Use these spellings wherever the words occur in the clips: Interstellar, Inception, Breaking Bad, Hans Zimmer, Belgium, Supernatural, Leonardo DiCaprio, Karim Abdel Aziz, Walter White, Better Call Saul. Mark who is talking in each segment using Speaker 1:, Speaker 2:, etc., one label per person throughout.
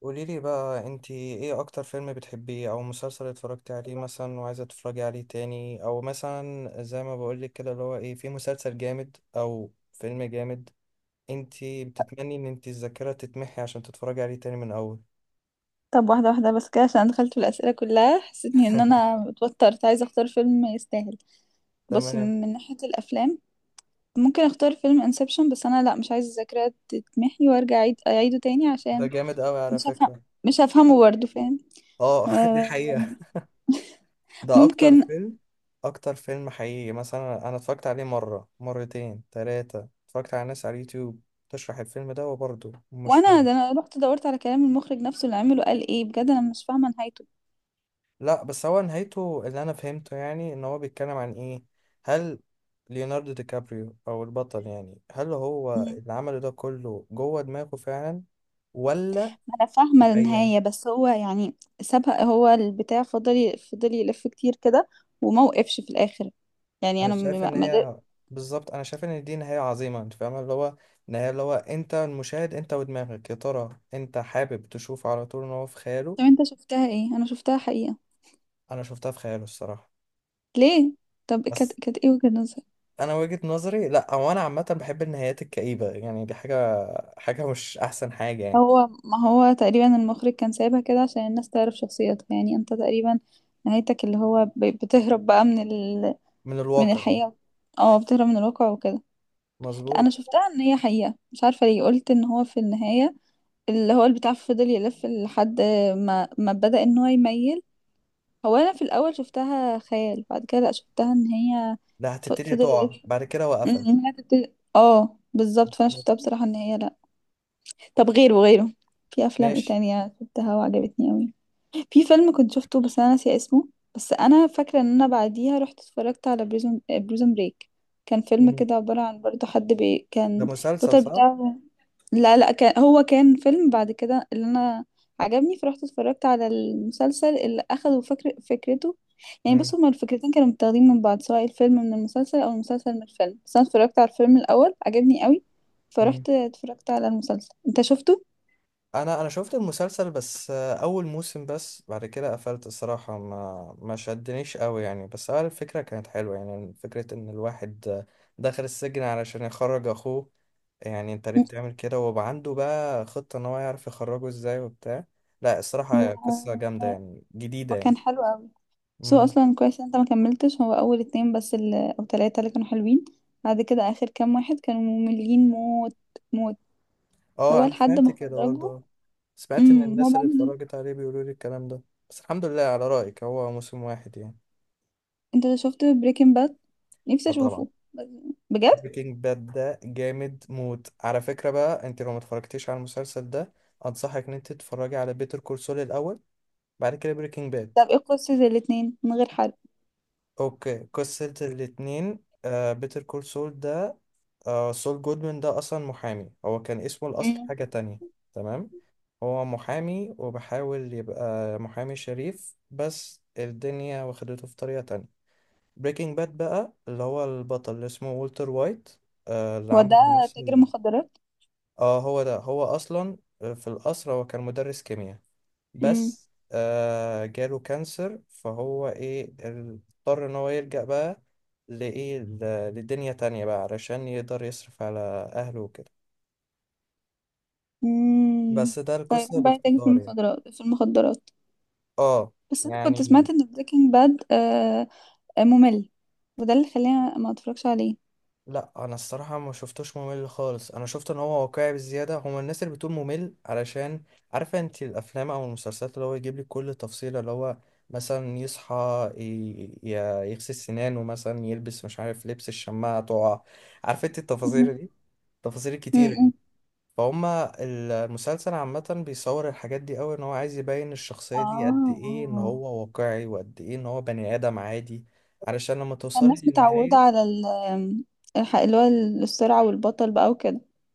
Speaker 1: قوليلي بقى، انتي ايه اكتر فيلم بتحبيه او مسلسل اتفرجتي عليه مثلا وعايزة تتفرجي عليه تاني، او مثلا زي ما بقولك كده، اللي هو ايه، في مسلسل جامد او فيلم جامد انتي بتتمني ان انتي الذاكرة تتمحي عشان تتفرجي عليه تاني من اول؟
Speaker 2: طب واحدة واحدة بس كده عشان أنا دخلت في الأسئلة كلها حسيت إني إن أنا اتوترت عايزة أختار فيلم يستاهل. بص،
Speaker 1: تمام.
Speaker 2: من ناحية الأفلام، ممكن أختار فيلم انسبشن، بس أنا لأ، مش عايزة الذاكرة تتمحي وأرجع أعيده تاني
Speaker 1: ده
Speaker 2: عشان
Speaker 1: جامد قوي على
Speaker 2: مش هفهم،
Speaker 1: فكرة.
Speaker 2: مش هفهمه برضه، فاهم؟
Speaker 1: اه، دي حقيقة.
Speaker 2: آه،
Speaker 1: ده اكتر
Speaker 2: ممكن.
Speaker 1: فيلم. اكتر فيلم حقيقي، مثلا انا اتفرجت عليه مرة مرتين تلاتة، اتفرجت على ناس على اليوتيوب تشرح الفيلم ده وبرضه مش
Speaker 2: وأنا
Speaker 1: فاهم.
Speaker 2: ده أنا رحت دورت على كلام المخرج نفسه اللي عمله، قال إيه؟ بجد أنا مش فاهمة نهايته.
Speaker 1: لا، بس هو نهايته اللي انا فهمته، يعني ان هو بيتكلم عن ايه؟ هل ليوناردو دي كابريو او البطل، يعني هل هو
Speaker 2: مم.
Speaker 1: اللي عمله ده كله جوه دماغه فعلا ولا؟
Speaker 2: أنا فاهمة
Speaker 1: الحقيقة.
Speaker 2: النهاية بس هو يعني سابها، هو البتاع فضل يلف كتير كده وموقفش في الآخر. يعني
Speaker 1: انا
Speaker 2: انا
Speaker 1: شايف ان هي بالظبط، انا شايف ان دي نهاية عظيمة. انت فاهم اللي هو نهاية؟ اللي هو انت المشاهد، انت ودماغك يا ترى انت حابب تشوفه على طول ان هو في خياله.
Speaker 2: طب انت شفتها ايه؟ انا شفتها حقيقة.
Speaker 1: انا شفتها في خياله الصراحة.
Speaker 2: ليه؟ طب كانت
Speaker 1: بس
Speaker 2: كانت ايه وجهة نظرك؟
Speaker 1: انا وجهة نظري، لا هو انا عامة بحب النهايات الكئيبة، يعني دي حاجة مش احسن حاجة يعني.
Speaker 2: هو ما هو تقريبا المخرج كان سايبها كده عشان الناس تعرف شخصيتها، يعني انت تقريبا نهايتك اللي هو بتهرب بقى من ال...
Speaker 1: من
Speaker 2: من
Speaker 1: الواقع.
Speaker 2: الحقيقة. اه، بتهرب من الواقع وكده. لا
Speaker 1: مظبوط.
Speaker 2: انا شفتها ان هي حقيقة، مش عارفة ليه قلت ان هو في النهاية اللي هو البتاع فضل يلف لحد ما بدأ ان هو يميل. هو انا في الاول شفتها خيال، بعد كده لا شفتها ان هي
Speaker 1: لا، هتبتدي
Speaker 2: فضل
Speaker 1: تقع
Speaker 2: يلف.
Speaker 1: بعد كده وقفل.
Speaker 2: هي تبتدي، اه بالظبط، فانا شفتها بصراحة ان هي لا. طب غيره، في افلام ايه
Speaker 1: ماشي.
Speaker 2: تانية شفتها وعجبتني اوي؟ في فيلم كنت شفته بس انا ناسية اسمه، بس انا فاكرة ان انا بعديها رحت اتفرجت على بريزون بريك. كان فيلم
Speaker 1: مم.
Speaker 2: كده عبارة عن برضه حد
Speaker 1: ده
Speaker 2: كان
Speaker 1: مسلسل
Speaker 2: البطل
Speaker 1: صح؟
Speaker 2: بتاعه، لا لا كان هو كان فيلم بعد كده اللي انا عجبني فرحت اتفرجت على المسلسل اللي اخدوا فكرته. يعني
Speaker 1: مم.
Speaker 2: بص، هما الفكرتين كانوا متاخدين من بعض، سواء الفيلم من المسلسل او المسلسل من الفيلم، بس انا اتفرجت على الفيلم الاول، عجبني قوي،
Speaker 1: مم.
Speaker 2: فرحت اتفرجت على المسلسل. انت شفته؟
Speaker 1: انا شفت المسلسل، بس اول موسم بس، بعد كده قفلت الصراحة. ما شدنيش قوي يعني، بس الفكرة كانت حلوة، يعني فكرة ان الواحد دخل السجن علشان يخرج اخوه. يعني انت ليه
Speaker 2: مم.
Speaker 1: بتعمل كده، ويبقى عنده بقى خطة ان هو يعرف يخرجه ازاي وبتاع. لا، الصراحة قصة
Speaker 2: و...
Speaker 1: جامدة، يعني جديدة يعني.
Speaker 2: وكان حلو قوي. بس هو
Speaker 1: مم.
Speaker 2: اصلا كويس إن انت ما كملتش، هو اول اتنين بس اللي... او تلاتة اللي كانوا حلوين، بعد كده اخر كام واحد كانوا مملين موت. موت.
Speaker 1: اه،
Speaker 2: هو
Speaker 1: انا
Speaker 2: لحد
Speaker 1: سمعت
Speaker 2: ما
Speaker 1: كده
Speaker 2: خرجوا.
Speaker 1: برضو. سمعت ان
Speaker 2: امم، هو
Speaker 1: الناس اللي
Speaker 2: بعد.
Speaker 1: اتفرجت عليه بيقولوا لي الكلام ده. بس الحمد لله على رأيك هو موسم واحد يعني.
Speaker 2: انت شفت بريكنج باد؟ نفسي
Speaker 1: اه طبعا.
Speaker 2: اشوفه، بجد.
Speaker 1: بريكنج باد ده جامد موت على فكرة. بقى انت لو ما اتفرجتيش على المسلسل ده، انصحك ان انت تتفرجي على بيتر كول سول الاول، بعد كده بريكنج باد.
Speaker 2: طب ايه قصة الاتنين من غير حرق؟
Speaker 1: اوكي، قصة الاتنين. بيتر كول سول ده، سول جودمان ده اصلا محامي. هو كان اسمه الاصل
Speaker 2: مم.
Speaker 1: حاجة تانية. تمام. هو محامي وبحاول يبقى محامي شريف، بس الدنيا واخدته في طريقة تانية. بريكنج باد بقى اللي هو البطل اللي اسمه والتر وايت، اللي
Speaker 2: هو
Speaker 1: عمل
Speaker 2: ده
Speaker 1: نفس
Speaker 2: تاجر مخدرات.
Speaker 1: اه هو ده. هو اصلا في القصر هو كان مدرس كيمياء،
Speaker 2: امم.
Speaker 1: بس جاله كانسر، فهو اضطر ان هو يلجأ بقى لايه، لدنيا تانية بقى علشان يقدر يصرف على اهله وكده.
Speaker 2: امم.
Speaker 1: بس ده
Speaker 2: فيروح
Speaker 1: القصة
Speaker 2: بقى تاجر في
Speaker 1: باختصار يعني.
Speaker 2: المخدرات.
Speaker 1: اه
Speaker 2: بس انا كنت
Speaker 1: يعني.
Speaker 2: سمعت ان بريكنج باد آه، آه، ممل، وده اللي خلاني ما اتفرجش عليه.
Speaker 1: لا انا الصراحه ما شفتوش ممل خالص. انا شفت ان هو واقعي بزياده. هما الناس اللي بتقول ممل علشان عارفه انت الافلام او المسلسلات اللي هو يجيب لك كل تفصيله، اللي هو مثلا يصحى، يغسل سنانه، مثلا يلبس، مش عارف لبس الشماعه تقع. عارفه انت
Speaker 2: مم.
Speaker 1: التفاصيل دي؟ التفاصيل الكتيره دي.
Speaker 2: مم.
Speaker 1: فهما المسلسل عامه بيصور الحاجات دي قوي ان هو عايز يبين الشخصيه دي قد ايه ان
Speaker 2: اه،
Speaker 1: هو واقعي، وقد ايه ان هو بني ادم عادي. علشان لما توصلي
Speaker 2: الناس متعودة
Speaker 1: للنهايه.
Speaker 2: على اللي هو السرعة والبطل بقى.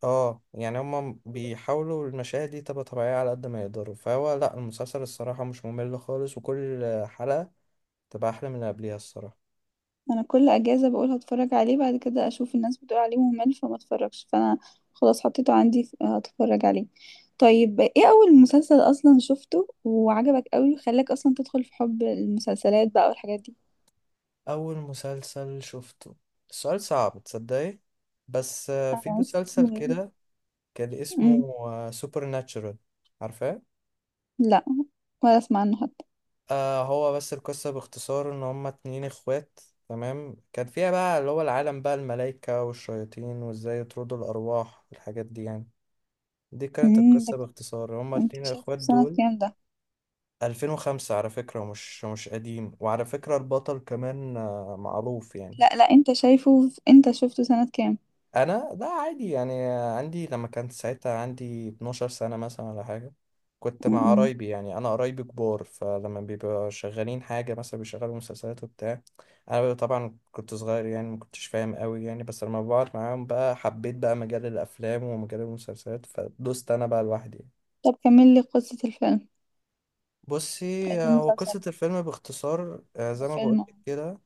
Speaker 1: اه، يعني هما بيحاولوا المشاهد دي تبقى طبيعية على قد ما يقدروا. فهو لا، المسلسل الصراحة مش ممل خالص، وكل حلقة تبقى أحلى من اللي قبليها الصراحة.
Speaker 2: انا كل اجازه بقول هتفرج عليه، بعد كده اشوف الناس بتقول عليه ممل فما اتفرجش، فانا خلاص حطيته عندي، هتفرج عليه. طيب ايه اول مسلسل اصلا شفته وعجبك قوي وخلاك اصلا تدخل في حب المسلسلات بقى والحاجات دي؟
Speaker 1: أول مسلسل شفته؟ السؤال صعب تصدقي. بس في
Speaker 2: أنا
Speaker 1: مسلسل
Speaker 2: أصلاً-
Speaker 1: كده كان اسمه
Speaker 2: أمم،
Speaker 1: سوبر ناتشورال، عارفاه؟
Speaker 2: لا، ولا اسمع عنه حتى.
Speaker 1: آه، هو بس القصة باختصار إن هما اتنين إخوات. تمام. كان فيها بقى اللي هو العالم بقى الملايكة والشياطين، وإزاي يطردوا الأرواح والحاجات دي يعني. دي كانت
Speaker 2: ده،
Speaker 1: القصة باختصار، هما
Speaker 2: انت
Speaker 1: الاتنين
Speaker 2: شايفه
Speaker 1: الإخوات
Speaker 2: في سنه
Speaker 1: دول.
Speaker 2: كام ده؟
Speaker 1: 2005 على فكرة، مش قديم، وعلى فكرة البطل كمان معروف يعني.
Speaker 2: لا لا، انت شايفه انت شفته سنه كام؟
Speaker 1: أنا لا، عادي يعني. عندي لما كانت ساعتها عندي 12 سنة مثلا ولا حاجة. كنت مع
Speaker 2: أمم.
Speaker 1: قرايبي، يعني أنا قرايبي كبار، فلما بيبقوا شغالين حاجة مثلا بيشغلوا مسلسلات وبتاع. أنا بيبقى طبعا كنت صغير يعني مكنتش فاهم قوي يعني، بس لما بقعد معاهم بقى حبيت بقى مجال الأفلام ومجال المسلسلات، فدوست أنا بقى لوحدي.
Speaker 2: طب كمل لي قصه الفيلم،
Speaker 1: بصي، هو
Speaker 2: المسلسل،
Speaker 1: قصة الفيلم باختصار زي ما
Speaker 2: الفيلم.
Speaker 1: بقولك كده.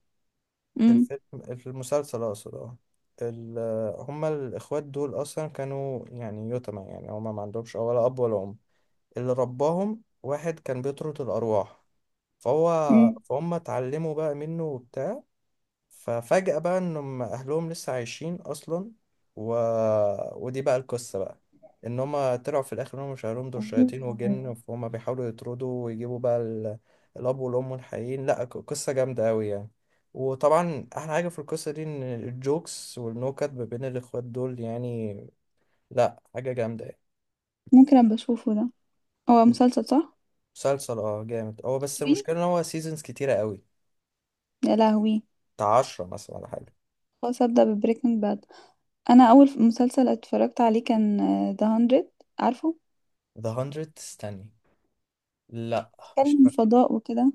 Speaker 2: أمم.
Speaker 1: الفيلم، في المسلسل أقصد، اه. هما الإخوات دول أصلا كانوا يعني يتامى، يعني هما ما عندهمش ولا أب ولا أم. اللي رباهم واحد كان بيطرد الأرواح، فهو فهم اتعلموا بقى منه وبتاع. ففجأة بقى انهم اهلهم لسه عايشين اصلا، و... ودي بقى القصة بقى، ان هما طلعوا في الاخر انهم مش اهلهم، دول
Speaker 2: أمم.
Speaker 1: شياطين وجن، فهم بيحاولوا يطردوا ويجيبوا بقى ال... الاب والام الحقيقيين. لا، قصة جامدة قوي يعني. وطبعا احلى حاجة في القصة دي ان الجوكس والنكت ما بين الاخوات دول يعني، لا حاجة جامدة يعني.
Speaker 2: ممكن ابقى اشوفه ده؟ هو مسلسل صح؟
Speaker 1: مسلسل اه جامد، هو بس
Speaker 2: طويل،
Speaker 1: المشكلة ان هو سيزونز كتيرة قوي.
Speaker 2: يا لهوي.
Speaker 1: بتاع عشرة مثلا ولا حاجة.
Speaker 2: خلاص ابدا ببريكنج باد. انا اول مسلسل اتفرجت عليه كان ذا هندرد، عارفه؟
Speaker 1: ذا هندرد؟ استني، لا مش
Speaker 2: بيتكلم
Speaker 1: فاكر.
Speaker 2: فضاء وكده.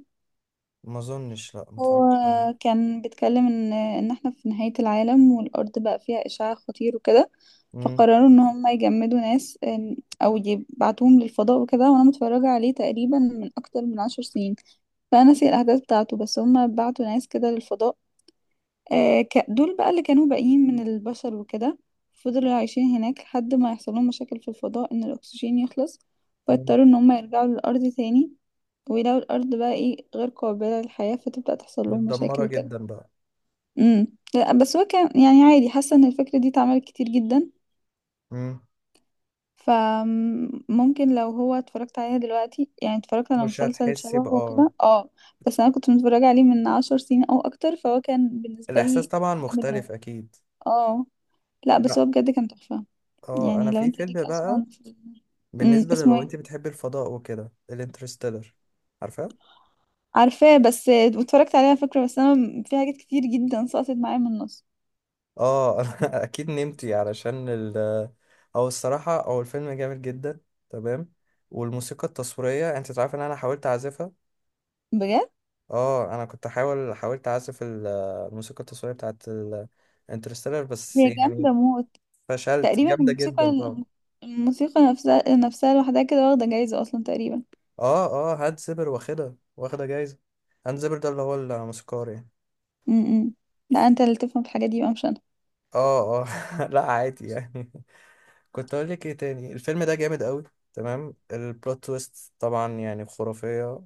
Speaker 1: ما اظنش، لا ما
Speaker 2: هو
Speaker 1: اتفرجتش عليه.
Speaker 2: كان بيتكلم ان احنا في نهاية العالم، والارض بقى فيها اشعاع خطير وكده،
Speaker 1: امم.
Speaker 2: فقرروا ان هم يجمدوا ناس او يبعتوهم للفضاء وكده. وانا متفرجة عليه تقريبا من اكتر من عشر سنين، فانا ناسي الاحداث بتاعته، بس هم بعتوا ناس كده للفضاء. آه، دول بقى اللي كانوا باقيين من البشر وكده، فضلوا عايشين هناك لحد ما يحصل لهم مشاكل في الفضاء ان الاكسجين يخلص،
Speaker 1: أمم.
Speaker 2: فاضطروا ان هم يرجعوا للارض تاني، ويلاقوا الارض بقى ايه، غير قابلة للحياة، فتبدأ تحصل لهم مشاكل
Speaker 1: متدمره
Speaker 2: وكده.
Speaker 1: جدا بقى.
Speaker 2: امم. لا بس هو كان يعني عادي، حاسة ان الفكرة دي اتعملت كتير جدا،
Speaker 1: امم.
Speaker 2: فممكن لو هو اتفرجت عليها دلوقتي، يعني اتفرجت على
Speaker 1: مش
Speaker 2: مسلسل
Speaker 1: هتحسي
Speaker 2: شبهه
Speaker 1: بقى.
Speaker 2: وكده، اه. بس انا كنت متفرجة عليه من عشر سنين او اكتر، فهو كان بالنسبة
Speaker 1: الاحساس
Speaker 2: لي
Speaker 1: طبعا
Speaker 2: جامد موت.
Speaker 1: مختلف اكيد.
Speaker 2: اه. لا بس هو
Speaker 1: لا،
Speaker 2: بجد كان تحفة.
Speaker 1: اه
Speaker 2: يعني
Speaker 1: انا
Speaker 2: لو
Speaker 1: في
Speaker 2: انت ليك
Speaker 1: فيلم بقى،
Speaker 2: اصلا في. امم،
Speaker 1: بالنسبه
Speaker 2: اسمه
Speaker 1: للو
Speaker 2: ايه؟
Speaker 1: انت بتحبي الفضاء وكده، الانترستيلر. عارفه؟
Speaker 2: عارفاه، بس اتفرجت عليها فكرة، بس انا في حاجات كتير جدا سقطت معايا من النص.
Speaker 1: اه، انا اكيد نمتي علشان ال، او الصراحه او الفيلم جامد جدا. تمام. والموسيقى التصويريه، انت تعرف ان انا حاولت اعزفها؟
Speaker 2: بجد،
Speaker 1: اه، انا كنت حاولت اعزف الموسيقى التصويريه بتاعت انترستيلر، بس
Speaker 2: هي جامدة
Speaker 1: يعني
Speaker 2: موت.
Speaker 1: فشلت،
Speaker 2: تقريبا
Speaker 1: جامدة
Speaker 2: الموسيقى،
Speaker 1: جدا طبعا.
Speaker 2: الموسيقى نفسها لوحدها كده واخدة جايزة اصلا تقريبا.
Speaker 1: اه، اه، هاد سيبر واخدها، واخدة جايزة. هاد سيبر ده اللي هو الموسيقار يعني.
Speaker 2: امم. لا انت اللي تفهم في الحاجات دي بقى مش انا.
Speaker 1: اه، اه، لا عادي يعني. كنت اقول لك ايه تاني. الفيلم ده جامد قوي. تمام. البلوت تويست طبعا يعني خرافية.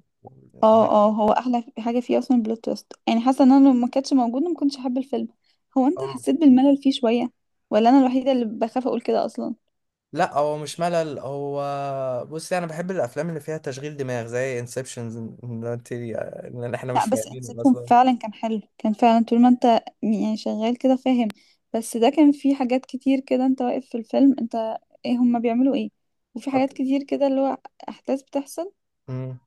Speaker 2: اه اه. هو احلى حاجة فيه اصلا البلوت تويست، يعني حاسة ان انا لو ما كانتش موجودة ما كنتش احب الفيلم. هو انت
Speaker 1: اه.
Speaker 2: حسيت بالملل فيه شوية ولا انا الوحيدة اللي بخاف اقول كده اصلا؟
Speaker 1: لا هو مش ملل، هو بصي انا بحب الافلام اللي فيها تشغيل دماغ زي انسبشنز، ان انت ان احنا
Speaker 2: لا،
Speaker 1: مش
Speaker 2: بس
Speaker 1: فاهمينه
Speaker 2: انسبشن
Speaker 1: اصلا.
Speaker 2: فعلا كان حلو، كان فعلا طول ما انت يعني شغال كده فاهم. بس ده كان فيه حاجات كتير كده، انت واقف في الفيلم، انت ايه هما بيعملوا ايه؟ وفي حاجات
Speaker 1: أوكي.
Speaker 2: كتير كده اللي هو احداث بتحصل،
Speaker 1: أمم.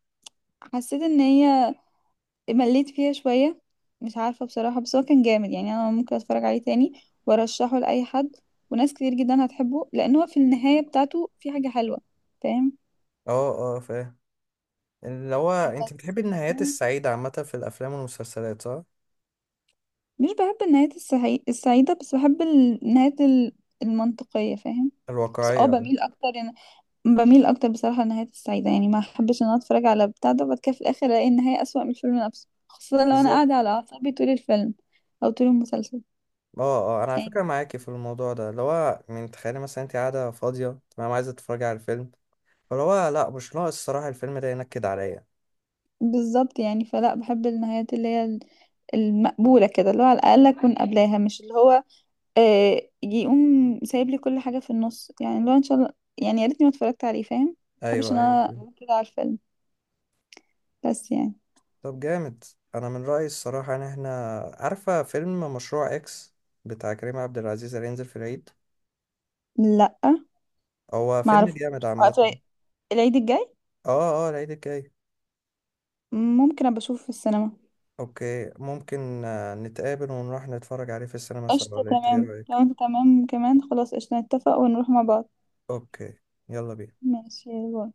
Speaker 2: حسيت ان هي مليت فيها شوية، مش عارفة بصراحة. بس هو كان جامد يعني، انا ممكن اتفرج عليه تاني وارشحه لأي حد، وناس كتير جدا هتحبه لان هو في النهاية بتاعته في حاجة حلوة، فاهم.
Speaker 1: اه، اه، فاهم. اللي هو انت
Speaker 2: بس
Speaker 1: بتحبي النهايات السعيدة عامة في الأفلام والمسلسلات، صح؟
Speaker 2: مش بحب النهايات السعيدة بس، بحب النهايات المنطقية، فاهم؟ بس اه
Speaker 1: الواقعية.
Speaker 2: بميل اكتر يعني، بميل اكتر بصراحة للنهايات السعيدة، يعني ما احبش ان انا اتفرج على بتاع ده وبعد كده في الاخر الاقي النهاية اسوأ من الفيلم نفسه، خاصة لو انا
Speaker 1: بالظبط.
Speaker 2: قاعدة على اعصابي طول الفيلم او طول المسلسل،
Speaker 1: اه، اه، انا على فكرة
Speaker 2: يعني.
Speaker 1: معاكي في الموضوع ده. اللي هو من تخيلي مثلا انت قاعدة فاضية تمام عايزة تتفرجي على الفيلم، فاللي هو لا، مش ناقص الصراحة الفيلم ده ينكد عليا.
Speaker 2: بالظبط يعني، فلا بحب النهايات اللي هي المقبولة كده، اللي هو على الأقل أكون قبلاها، مش اللي هو آه يقوم سايب لي كل حاجة في النص، يعني اللي هو إن شاء الله يعني يا ريتني ما اتفرجت عليه، فاهم. محبش
Speaker 1: ايوه،
Speaker 2: إن
Speaker 1: ايوه،
Speaker 2: أنا
Speaker 1: فيلم.
Speaker 2: أقول كده على الفيلم، بس يعني.
Speaker 1: طب جامد. انا من رأيي الصراحة، ان احنا عارفة فيلم مشروع اكس بتاع كريم عبد العزيز اللي هينزل في العيد؟
Speaker 2: لا،
Speaker 1: هو فيلم
Speaker 2: معرفوش.
Speaker 1: جامد
Speaker 2: آه،
Speaker 1: عامة.
Speaker 2: في العيد الجاي،
Speaker 1: اه، اه، العيد الجاي.
Speaker 2: ممكن ابقى اشوفه في السينما.
Speaker 1: اوكي، ممكن نتقابل ونروح نتفرج عليه في السينما سوا،
Speaker 2: قشطة،
Speaker 1: ولا انت ايه
Speaker 2: تمام، لو
Speaker 1: رأيك؟
Speaker 2: انت تمام كمان خلاص قشطة، نتفق ونروح مع بعض.
Speaker 1: اوكي. يلا بينا.
Speaker 2: ماشي، باي.